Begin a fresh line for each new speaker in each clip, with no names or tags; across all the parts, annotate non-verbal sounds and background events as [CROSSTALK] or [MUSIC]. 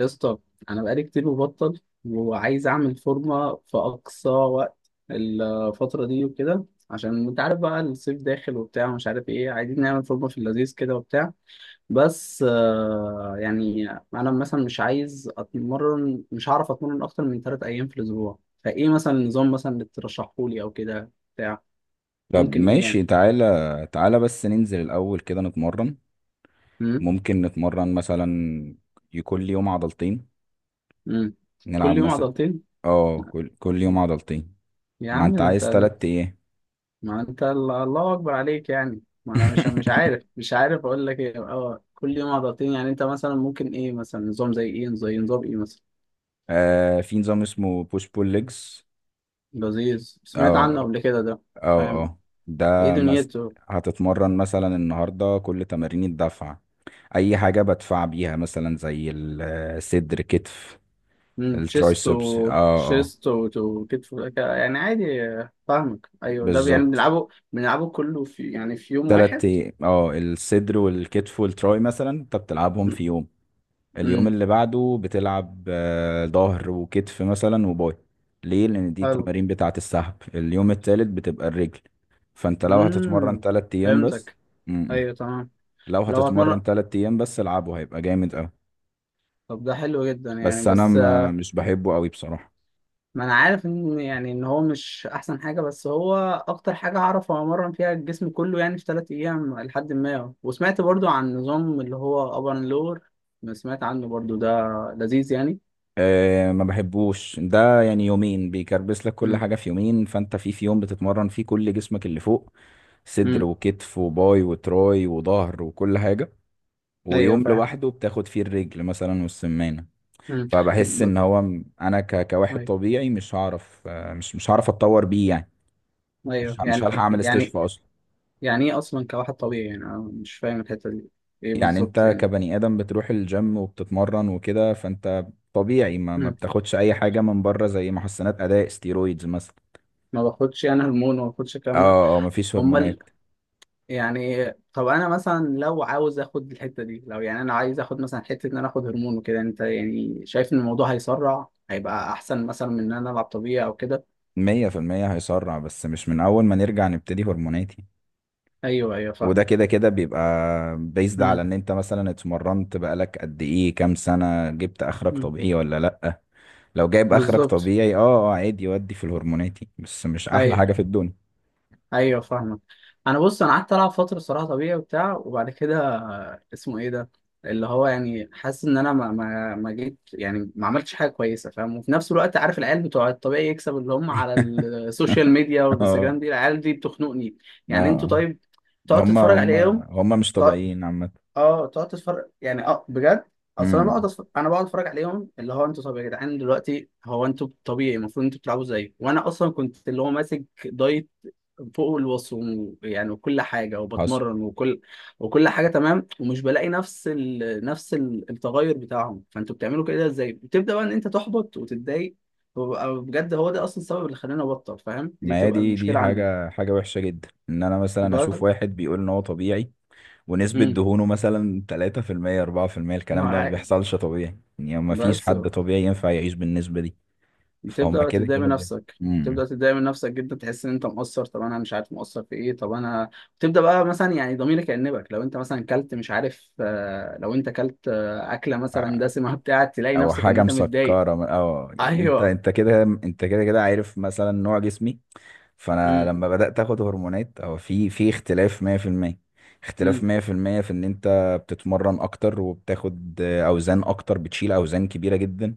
يا اسطى، انا بقالي كتير مبطل وعايز اعمل فورمه في اقصى وقت الفتره دي وكده، عشان انت عارف بقى الصيف داخل وبتاع ومش عارف ايه، عايزين نعمل فورمه في اللذيذ كده وبتاع. بس يعني انا مثلا مش هعرف اتمرن اكتر من 3 ايام في الاسبوع. فايه مثلا النظام مثلا اللي ترشحه لي او كده بتاع؟
طب
ممكن ايه
ماشي،
يعني؟
تعالى بس ننزل الأول كده نتمرن.
امم.
ممكن نتمرن مثلا كل يوم عضلتين،
امم.
نلعب
كل يوم
مثلا.
عضلتين.
اه، كل يوم عضلتين.
يا
ما
عم
انت
انت.
عايز تلات ايه؟
ما انت الله اكبر عليك يعني، ما انا مش مش
[LAUGHS]
عارف مش عارف اقول لك ايه. اه، كل يوم عضلتين؟ يعني انت مثلا ممكن ايه؟ مثلا نظام زي ايه؟ زي نظام ايه مثلا؟
آه، في نظام اسمه بوش بول ليجز.
لذيذ، سمعت عنه
اه
قبل كده ده،
اه
فاهم.
اه
ايه
ده مس...
دنيته؟
هتتمرن مثلا النهاردة كل تمارين الدفع، أي حاجة بدفع بيها، مثلا زي الصدر، كتف،
امم تشيست
الترايسبس.
و
اه اه،
تشيست و كتف يعني عادي، فاهمك. ايوه، ده يعني
بالظبط.
بنلعبه كله في يوم
تلات
واحد.
أي- اه الصدر والكتف والتراي مثلا انت بتلعبهم في يوم. اليوم
امم.
اللي بعده بتلعب ظهر وكتف مثلا وباي، ليه؟ لان دي
حلو.
التمارين بتاعه السحب. اليوم التالت بتبقى الرجل. فانت لو هتتمرن
امم.
تلات ايام بس.
فهمتك.
م-م.
ايوه، تمام.
لو
لو هتمرن.
هتتمرن تلات ايام بس العبه هيبقى جامد اوي.
طب ده حلو جدا يعني.
بس انا
بس
ما مش بحبه قوي بصراحة.
ما انا عارف ان يعني، ان هو مش احسن حاجه، بس هو اكتر حاجه اعرف امرن فيها الجسم كله يعني في 3 ايام. لحد ما وسمعت برضو عن نظام اللي هو ابر اند لور، سمعت عنه برضو ده، لذيذ يعني.
أه، ما بحبوش ده. يعني يومين بيكربس لك كل
امم.
حاجة في يومين، فانت في يوم بتتمرن فيه كل جسمك اللي فوق: صدر
امم.
وكتف وباي وتراي وظهر وكل حاجة،
ايوه،
ويوم
فاهم.
لوحده بتاخد فيه الرجل مثلا والسمانة.
امم.
فبحس
ب-
ان هو انا كواحد
ايوه،
طبيعي مش هعرف، مش هعرف اتطور بيه يعني.
ايوه،
مش
يعني
هلحق اعمل
يعني
استشفاء اصلا.
يعني ايه اصلا كواحد طبيعي يعني؟ انا مش فاهم الحته دي. ايه
يعني
بالظبط
انت
يعني؟
كبني ادم بتروح الجيم وبتتمرن وكده، فانت طبيعي، ما
امم.
بتاخدش اي حاجة من بره زي محسنات اداء، ستيرويدز مثلا.
ما باخدش انا هرمون وما باخدش الكلام ده.
اه، اه، مفيش
امال
هرمونات.
يعني؟ طب انا مثلا لو عاوز اخد الحته دي، لو يعني انا عايز اخد مثلا حته ان انا اخد هرمون وكده، انت يعني شايف ان الموضوع هيسرع هيبقى احسن مثلا من ان انا العب طبيعي او كده؟
مية في المية هيسرع، بس مش من اول ما نرجع نبتدي هرمونات يعني.
ايوه، ايوه،
وده
فاهم.
كده كده بيبقى، بيزد على
امم.
ان انت مثلا اتمرنت بقالك قد ايه، كام سنة، جبت اخرك
أمم.
طبيعي ولا لأ. لو جايب اخرك
بالظبط.
طبيعي، اه اه، عادي، ودي في الهرموناتي، بس مش احلى
ايوه،
حاجة في الدنيا.
ايوه، فاهمك. انا بص، انا قعدت العب فتره صراحه طبيعي وبتاع، وبعد كده اسمه ايه ده، اللي هو يعني حاسس ان انا ما جيت، يعني ما عملتش حاجه كويسه، فاهم. وفي نفس الوقت عارف العيال بتوع الطبيعي يكسب اللي هم على السوشيال ميديا
[LAUGHS] اه،
والانستجرام دي، العيال دي بتخنقني. يعني انتوا،
اه.
طيب. تقعد
هم
تتفرج
هم
عليهم.
هم مش
تقعد
طبيعيين عامة.
اه تقعد تتفرج يعني، اه بجد. اصل
امم،
انا بقعد اتفرج عليهم اللي هو انتوا، طب يا جدعان، دلوقتي هو انتوا طبيعي، المفروض انتوا بتلعبوا زي، وانا اصلا كنت اللي هو ماسك دايت فوق الوصف يعني، وكل حاجة
حصل.
وبتمرن وكل حاجة تمام، ومش بلاقي نفس نفس ال- التغير بتاعهم. فانتوا بتعملوا كده ازاي؟ بتبدأ بقى ان انت تحبط وتتضايق، وببقى بجد هو ده اصلا السبب اللي خلاني ابطل، فاهم؟ دي
ما هي
بتبقى
دي،
المشكلة عندي.
حاجة وحشة جدا ان انا مثلا اشوف
بس.
واحد بيقول ان هو طبيعي ونسبة
امم.
دهونه مثلا 3% 4%. الكلام ده ما
مع.
بيحصلش طبيعي يعني، ما فيش
بس.
حد طبيعي ينفع يعيش بالنسبة دي. فهم
بتبدأ
كده
تتضايق من
كده بي-
نفسك،
امم.
بتبدأ تتضايق من نفسك جدا، تحس ان انت مقصر. طب انا مش عارف مقصر في ايه؟ طب انا بتبدأ بقى مثلا يعني ضميرك يأنبك لو انت مثلا كلت مش عارف لو انت كلت اكلة مثلا دسمة [LAUGHS] بتاع، تلاقي
او
نفسك ان
حاجه
انت متضايق.
مسكره، او يعني انت،
ايوه.
انت كده كده عارف مثلا نوع جسمي. فانا
امم.
لما بدات اخد هرمونات او في اختلاف 100%، اختلاف
امم.
100% في المية، في ان انت بتتمرن اكتر وبتاخد اوزان اكتر، بتشيل اوزان كبيره جدا،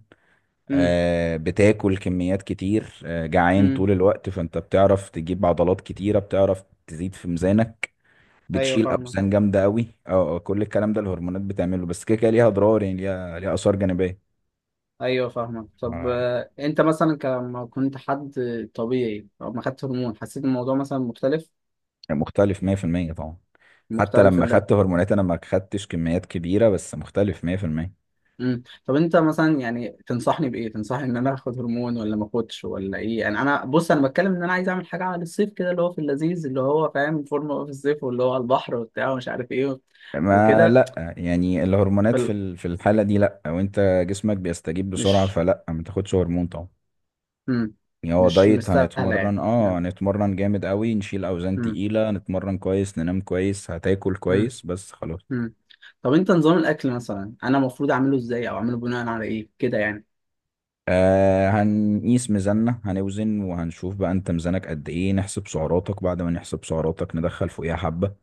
امم.
آه، بتاكل كميات كتير، آه، جعان طول
امم.
الوقت، فانت بتعرف تجيب عضلات كتيره، بتعرف تزيد في ميزانك،
ايوه،
بتشيل
فاهمك.
اوزان جامده قوي. اه، آه، كل الكلام ده الهرمونات بتعمله، بس كده كده ليها اضرار يعني، ليها اثار جانبيه.
ايوه، فاهمك. طب
آه،
انت مثلا لما كنت حد طبيعي او ما خدت هرمون، حسيت الموضوع مثلا مختلف؟
مختلف 100% طبعا. حتى
مختلف.
لما خدت هرمونات انا ما خدتش كميات كبيره، بس مختلف 100%.
مم. طب انت مثلا يعني تنصحني بايه؟ تنصحني ان انا اخد هرمون ولا ما اخدش ولا ايه يعني؟ انا بص، انا بتكلم ان انا عايز اعمل حاجه على الصيف كده اللي هو في اللذيذ، اللي هو فاهم، فورمه بقى في الصيف، واللي هو على البحر وبتاع ومش عارف ايه
ما
وكده.
لا يعني الهرمونات في
فال-
الحاله دي لا، وانت جسمك بيستجيب بسرعه،
مش
فلا ما تاخدش هرمون طبعا.
مم.
يعني هو
مش
دايت،
مستاهله
هنتمرن،
يعني
اه،
يعني.
هنتمرن جامد قوي، نشيل اوزان
مم.
تقيله، نتمرن كويس، ننام كويس، هتاكل
مم.
كويس، بس خلاص.
مم. طب انت نظام الاكل مثلا، انا المفروض اعمله ازاي، او اعمله بناء على ايه كده يعني؟
آه، هنقيس ميزاننا، هنوزن وهنشوف بقى انت ميزانك قد ايه، نحسب سعراتك، بعد ما نحسب سعراتك ندخل فوقيها حبة،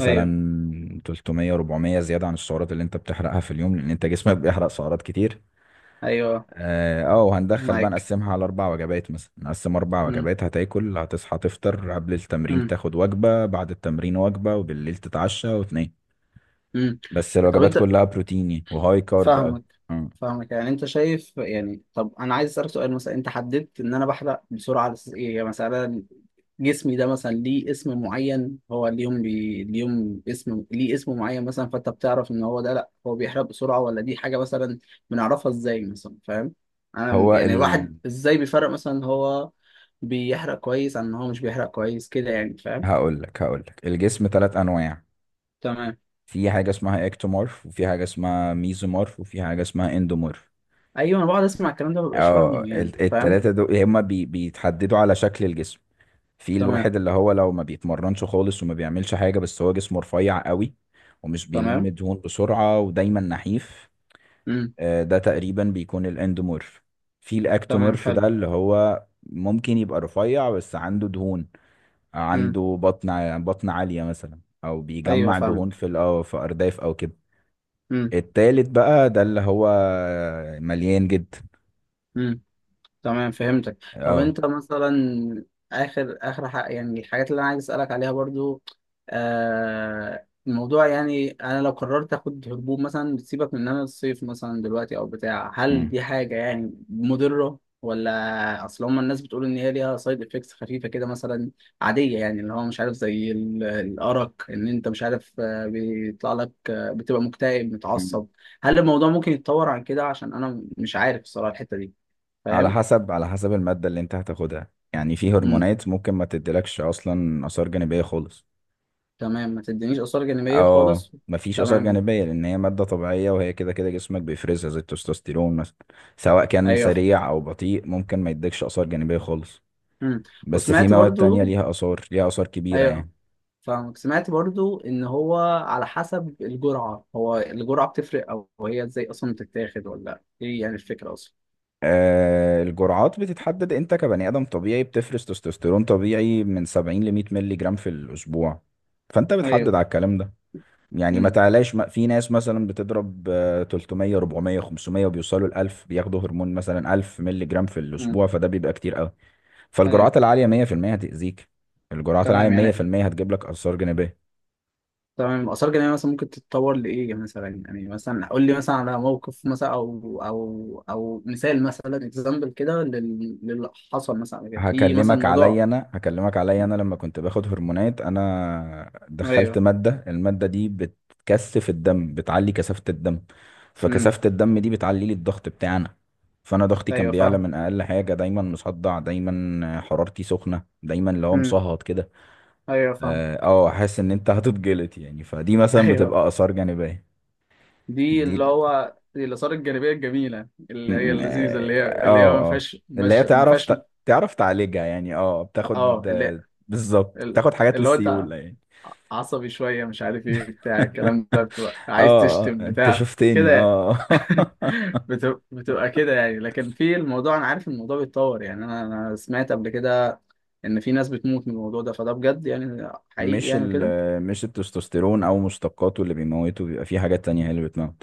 ايوه.
300 400 زيادة عن السعرات اللي انت بتحرقها في اليوم، لان انت جسمك بيحرق سعرات كتير.
ايوه.
اه، آه، وهندخل بقى
معاك.
نقسمها على اربع وجبات، مثلا نقسم اربع
مم.
وجبات، هتاكل، هتصحى تفطر قبل التمرين،
مم.
تاخد وجبة بعد التمرين، وجبة، وبالليل تتعشى وتنام.
مم.
بس
طب
الوجبات
انت
كلها بروتين يعني، وهاي كارب اوي.
فاهمك
مم.
فاهمك يعني، انت شايف يعني؟ طب انا عايز اسالك سؤال مثلا، انت حددت ان انا بحرق بسرعه على اساس ايه يعني؟ مثلا جسمي ده مثلا ليه اسم معين؟ هو اليوم اسم ليه اسم معين مثلا، فانت بتعرف ان هو ده لا هو بيحرق بسرعه ولا دي حاجه مثلا؟ بنعرفها ازاي مثلا، فاهم؟ انا
هو
يعني
ال
الواحد ازاي بيفرق مثلا هو بيحرق كويس عن ان هو مش بيحرق كويس كده يعني، فاهم؟
هقول لك، الجسم ثلاث انواع.
تمام.
في حاجة اسمها اكتومورف، وفي حاجة اسمها ميزومورف، وفي حاجة اسمها اندومورف.
ايوه، انا بقعد اسمع الكلام ده مببقاش
اه،
فاهمه يعني، فاهم.
التلاتة دول هما بيتحددوا على شكل الجسم. في
تمام.
الواحد اللي هو لو ما بيتمرنش خالص وما بيعملش حاجة بس هو جسمه رفيع قوي ومش بيلم
تمام.
دهون بسرعة ودايما نحيف،
امم.
آه، ده تقريبا بيكون الاندومورف. في
تمام.
الاكتومورف،
حلو.
ده اللي هو ممكن يبقى رفيع بس عنده دهون،
امم.
عنده بطن عالية مثلا او
ايوه،
بيجمع دهون
فاهمك.
في في ارداف او كده.
امم.
التالت بقى ده اللي هو مليان جدا.
امم. تمام. فهمتك. طب
اه،
انت مثلا، اخر اخر حق يعني الحاجات اللي انا عايز اسالك عليها برضو. الموضوع يعني، انا لو قررت اخد هبوب مثلا بتسيبك من ان انا الصيف مثلا دلوقتي او بتاع، هل
مم.
دي حاجه يعني مضره؟ ولا اصل هما الناس بتقول ان هي ليها سايد افكتس خفيفه كده مثلا، عاديه يعني، اللي هو مش عارف زي الارق، ان انت مش عارف بيطلع لك بتبقى مكتئب،
مم.
متعصب. هل الموضوع ممكن يتطور عن كده؟ عشان انا مش عارف الصراحه الحته دي،
على
فاهم.
حسب، على حسب المادة اللي انت هتاخدها يعني. في
امم.
هرمونات ممكن ما تديلكش اصلا اثار جانبية خالص.
تمام. ما تدينيش آثار جانبية
اه،
خالص.
مفيش اثار
تمام.
جانبية، لان هي مادة طبيعية، وهي كده كده جسمك بيفرزها زي التستوستيرون مثلا. سواء كان
أيوه، فاهم.
سريع او بطيء، ممكن ما يديكش اثار جانبية خالص.
امم.
بس في
وسمعت
مواد تانية
برضو.
ليها اثار، ليها اثار كبيرة
أيوه،
يعني.
فاهمك. سمعت برضو إن هو على حسب الجرعة، هو الجرعة بتفرق أو هي إزاي أصلا بتتاخد، ولا إيه يعني الفكرة أصلا؟
آه، الجرعات بتتحدد. انت كبني ادم طبيعي بتفرز تستوستيرون طبيعي من 70 ل 100 مللي جرام في الاسبوع. فانت بتحدد
أيوه.
على الكلام ده، يعني ما
امم.
تعلاش. ما في ناس مثلا بتضرب آه، 300 400 500 وبيوصلوا ل 1000، بياخدوا هرمون مثلا 1000 مللي جرام في
امم.
الاسبوع، فده بيبقى كتير قوي.
أيوه،
فالجرعات العاليه 100% هتاذيك، الجرعات العاليه
تمام يعني.
100% هتجيب لك اثار جانبيه.
تمام. الآثار الجانبية مثلا ممكن تتطور لإيه مثلا يعني، مثلا قول لي مثلا على موقف مثلا أو مثال مثلا، إكزامبل كده، للي حصل مثلا في مثلا
هكلمك عليا
موضوع.
انا، لما كنت باخد هرمونات انا دخلت
أيوه.
ماده، الماده دي بتكثف الدم، بتعلي كثافه الدم، فكثافه الدم دي بتعلي لي الضغط بتاعنا. فانا ضغطي كان
ايوه،
بيعلى
فاهم.
من اقل حاجه، دايما مصدع، دايما حرارتي سخنه، دايما اللي هو
امم.
مصهد كده.
ايوه، فاهم.
اه، آه، احس ان انت هتتجلط يعني، فدي
[LAUGHS]
مثلا
ايوه،
بتبقى اثار جانبيه.
دي
دي
اللي هو دي الاثار الجانبيه الجميله اللي هي
م-
اللذيذه،
اه
اللي هي ما
اه آه.
فيهاش،
اللي هي
مش ما
تعرف
فيهاش.
تعرف تعالجها يعني. اه،
اه.
بتاخد، آه، بالظبط
اللي
بتاخد حاجات
اللي هو انت
للسيولة يعني.
عصبي شويه مش عارف ايه بتاع
[LAUGHS]
الكلام ده، بتبقى عايز
اه، اه،
تشتم
انت
بتاع كده
شفتني،
يعني.
اه. [LAUGHS]
[LAUGHS] بتبقى كده يعني، لكن في الموضوع انا عارف إن الموضوع بيتطور يعني، انا سمعت قبل كده ان في ناس بتموت من الموضوع ده، فده بجد يعني، حقيقي
مش
يعني
ال
كده.
مش التستوستيرون او مشتقاته اللي بيموته، بيبقى في حاجات تانية هي اللي بتموت.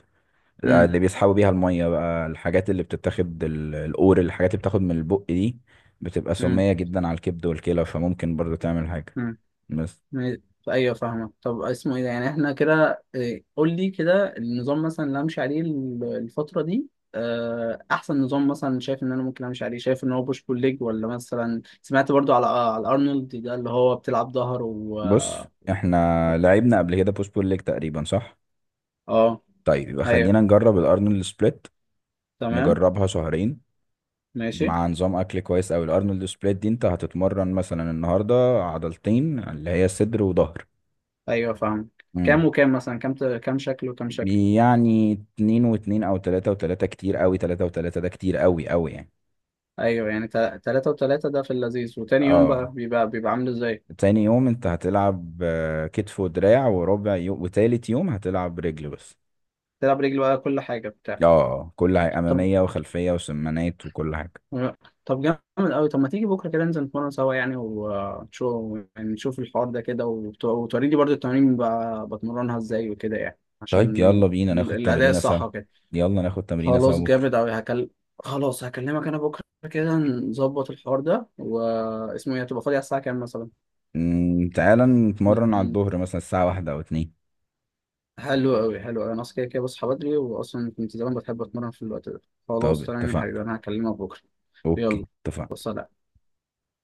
آه،
امم.
اللي بيسحبوا بيها المية بقى، الحاجات اللي بتتاخد القور، الحاجات اللي بتاخد من البق دي، بتبقى سمية جدا على الكبد والكلى، فممكن برضو تعمل حاجة.
امم.
بس
ما- ايوه، فاهمك. طب اسمه ايه ده يعني، احنا كده إيه، قول لي كده النظام مثلا اللي امشي عليه الفتره دي. احسن نظام مثلا شايف ان انا ممكن امشي عليه، شايف ان هو بوش بول ليج، ولا مثلا سمعت برضو على على ارنولد ده اللي هو بتلعب ظهر و.
بص، احنا لعبنا قبل كده بوش بول ليج تقريبا، صح؟
اه،
طيب يبقى
ايوه،
خلينا نجرب الارنولد سبليت،
تمام.
نجربها شهرين
ماشي.
مع نظام اكل كويس اوي. الارنولد سبليت دي انت هتتمرن مثلا النهارده عضلتين، اللي هي صدر وظهر.
ايوه، فاهم.
امم.
كام وكام مثلا؟ كام كام شكل وكام شكل؟
يعني اتنين واتنين او تلاتة وتلاتة. كتير اوي تلاتة وتلاتة، ده كتير اوي اوي يعني.
ايوه يعني، تلاتة وتلاتة ده في اللذيذ، وتاني يوم بقى
اه،
بيبقى عامل ازاي؟
تاني يوم انت هتلعب آه، كتف ودراع وربع يوم، وتالت يوم هتلعب رجل بس.
تلعب رجل بقى، كل حاجه بتاع.
اه، آه، كل حاجة،
طب
امامية وخلفية وسمانات وكل حاجة.
لا. طب جامد قوي. طب ما تيجي بكره كده ننزل نتمرن سوا يعني، ونشوف يعني نشوف الحوار ده كده، وتوريني برضو التمارين بتمرنها ازاي وكده يعني، عشان
طيب يلا بينا ناخد
الاداء
تمرينة سوا،
الصح وكده.
يلا ناخد تمرينة سوا
خلاص، جامد
بكرة.
قوي. خلاص، هكلمك انا بكره كده، نظبط الحوار ده، واسمه ايه هتبقى فاضي على الساعه كام مثلا؟
مم، تعالى نتمرن على
م-
الظهر مثلا الساعة واحدة أو اتنين.
حلو قوي، حلو قوي. انا اصلا كده كده بصحى بدري، واصلا كنت زمان بحب اتمرن في الوقت ده.
طب
خلاص، تمام يا
اتفقنا.
حبيبي، انا هكلمك بكره. يلا،
أوكي، اتفقنا.
سلام.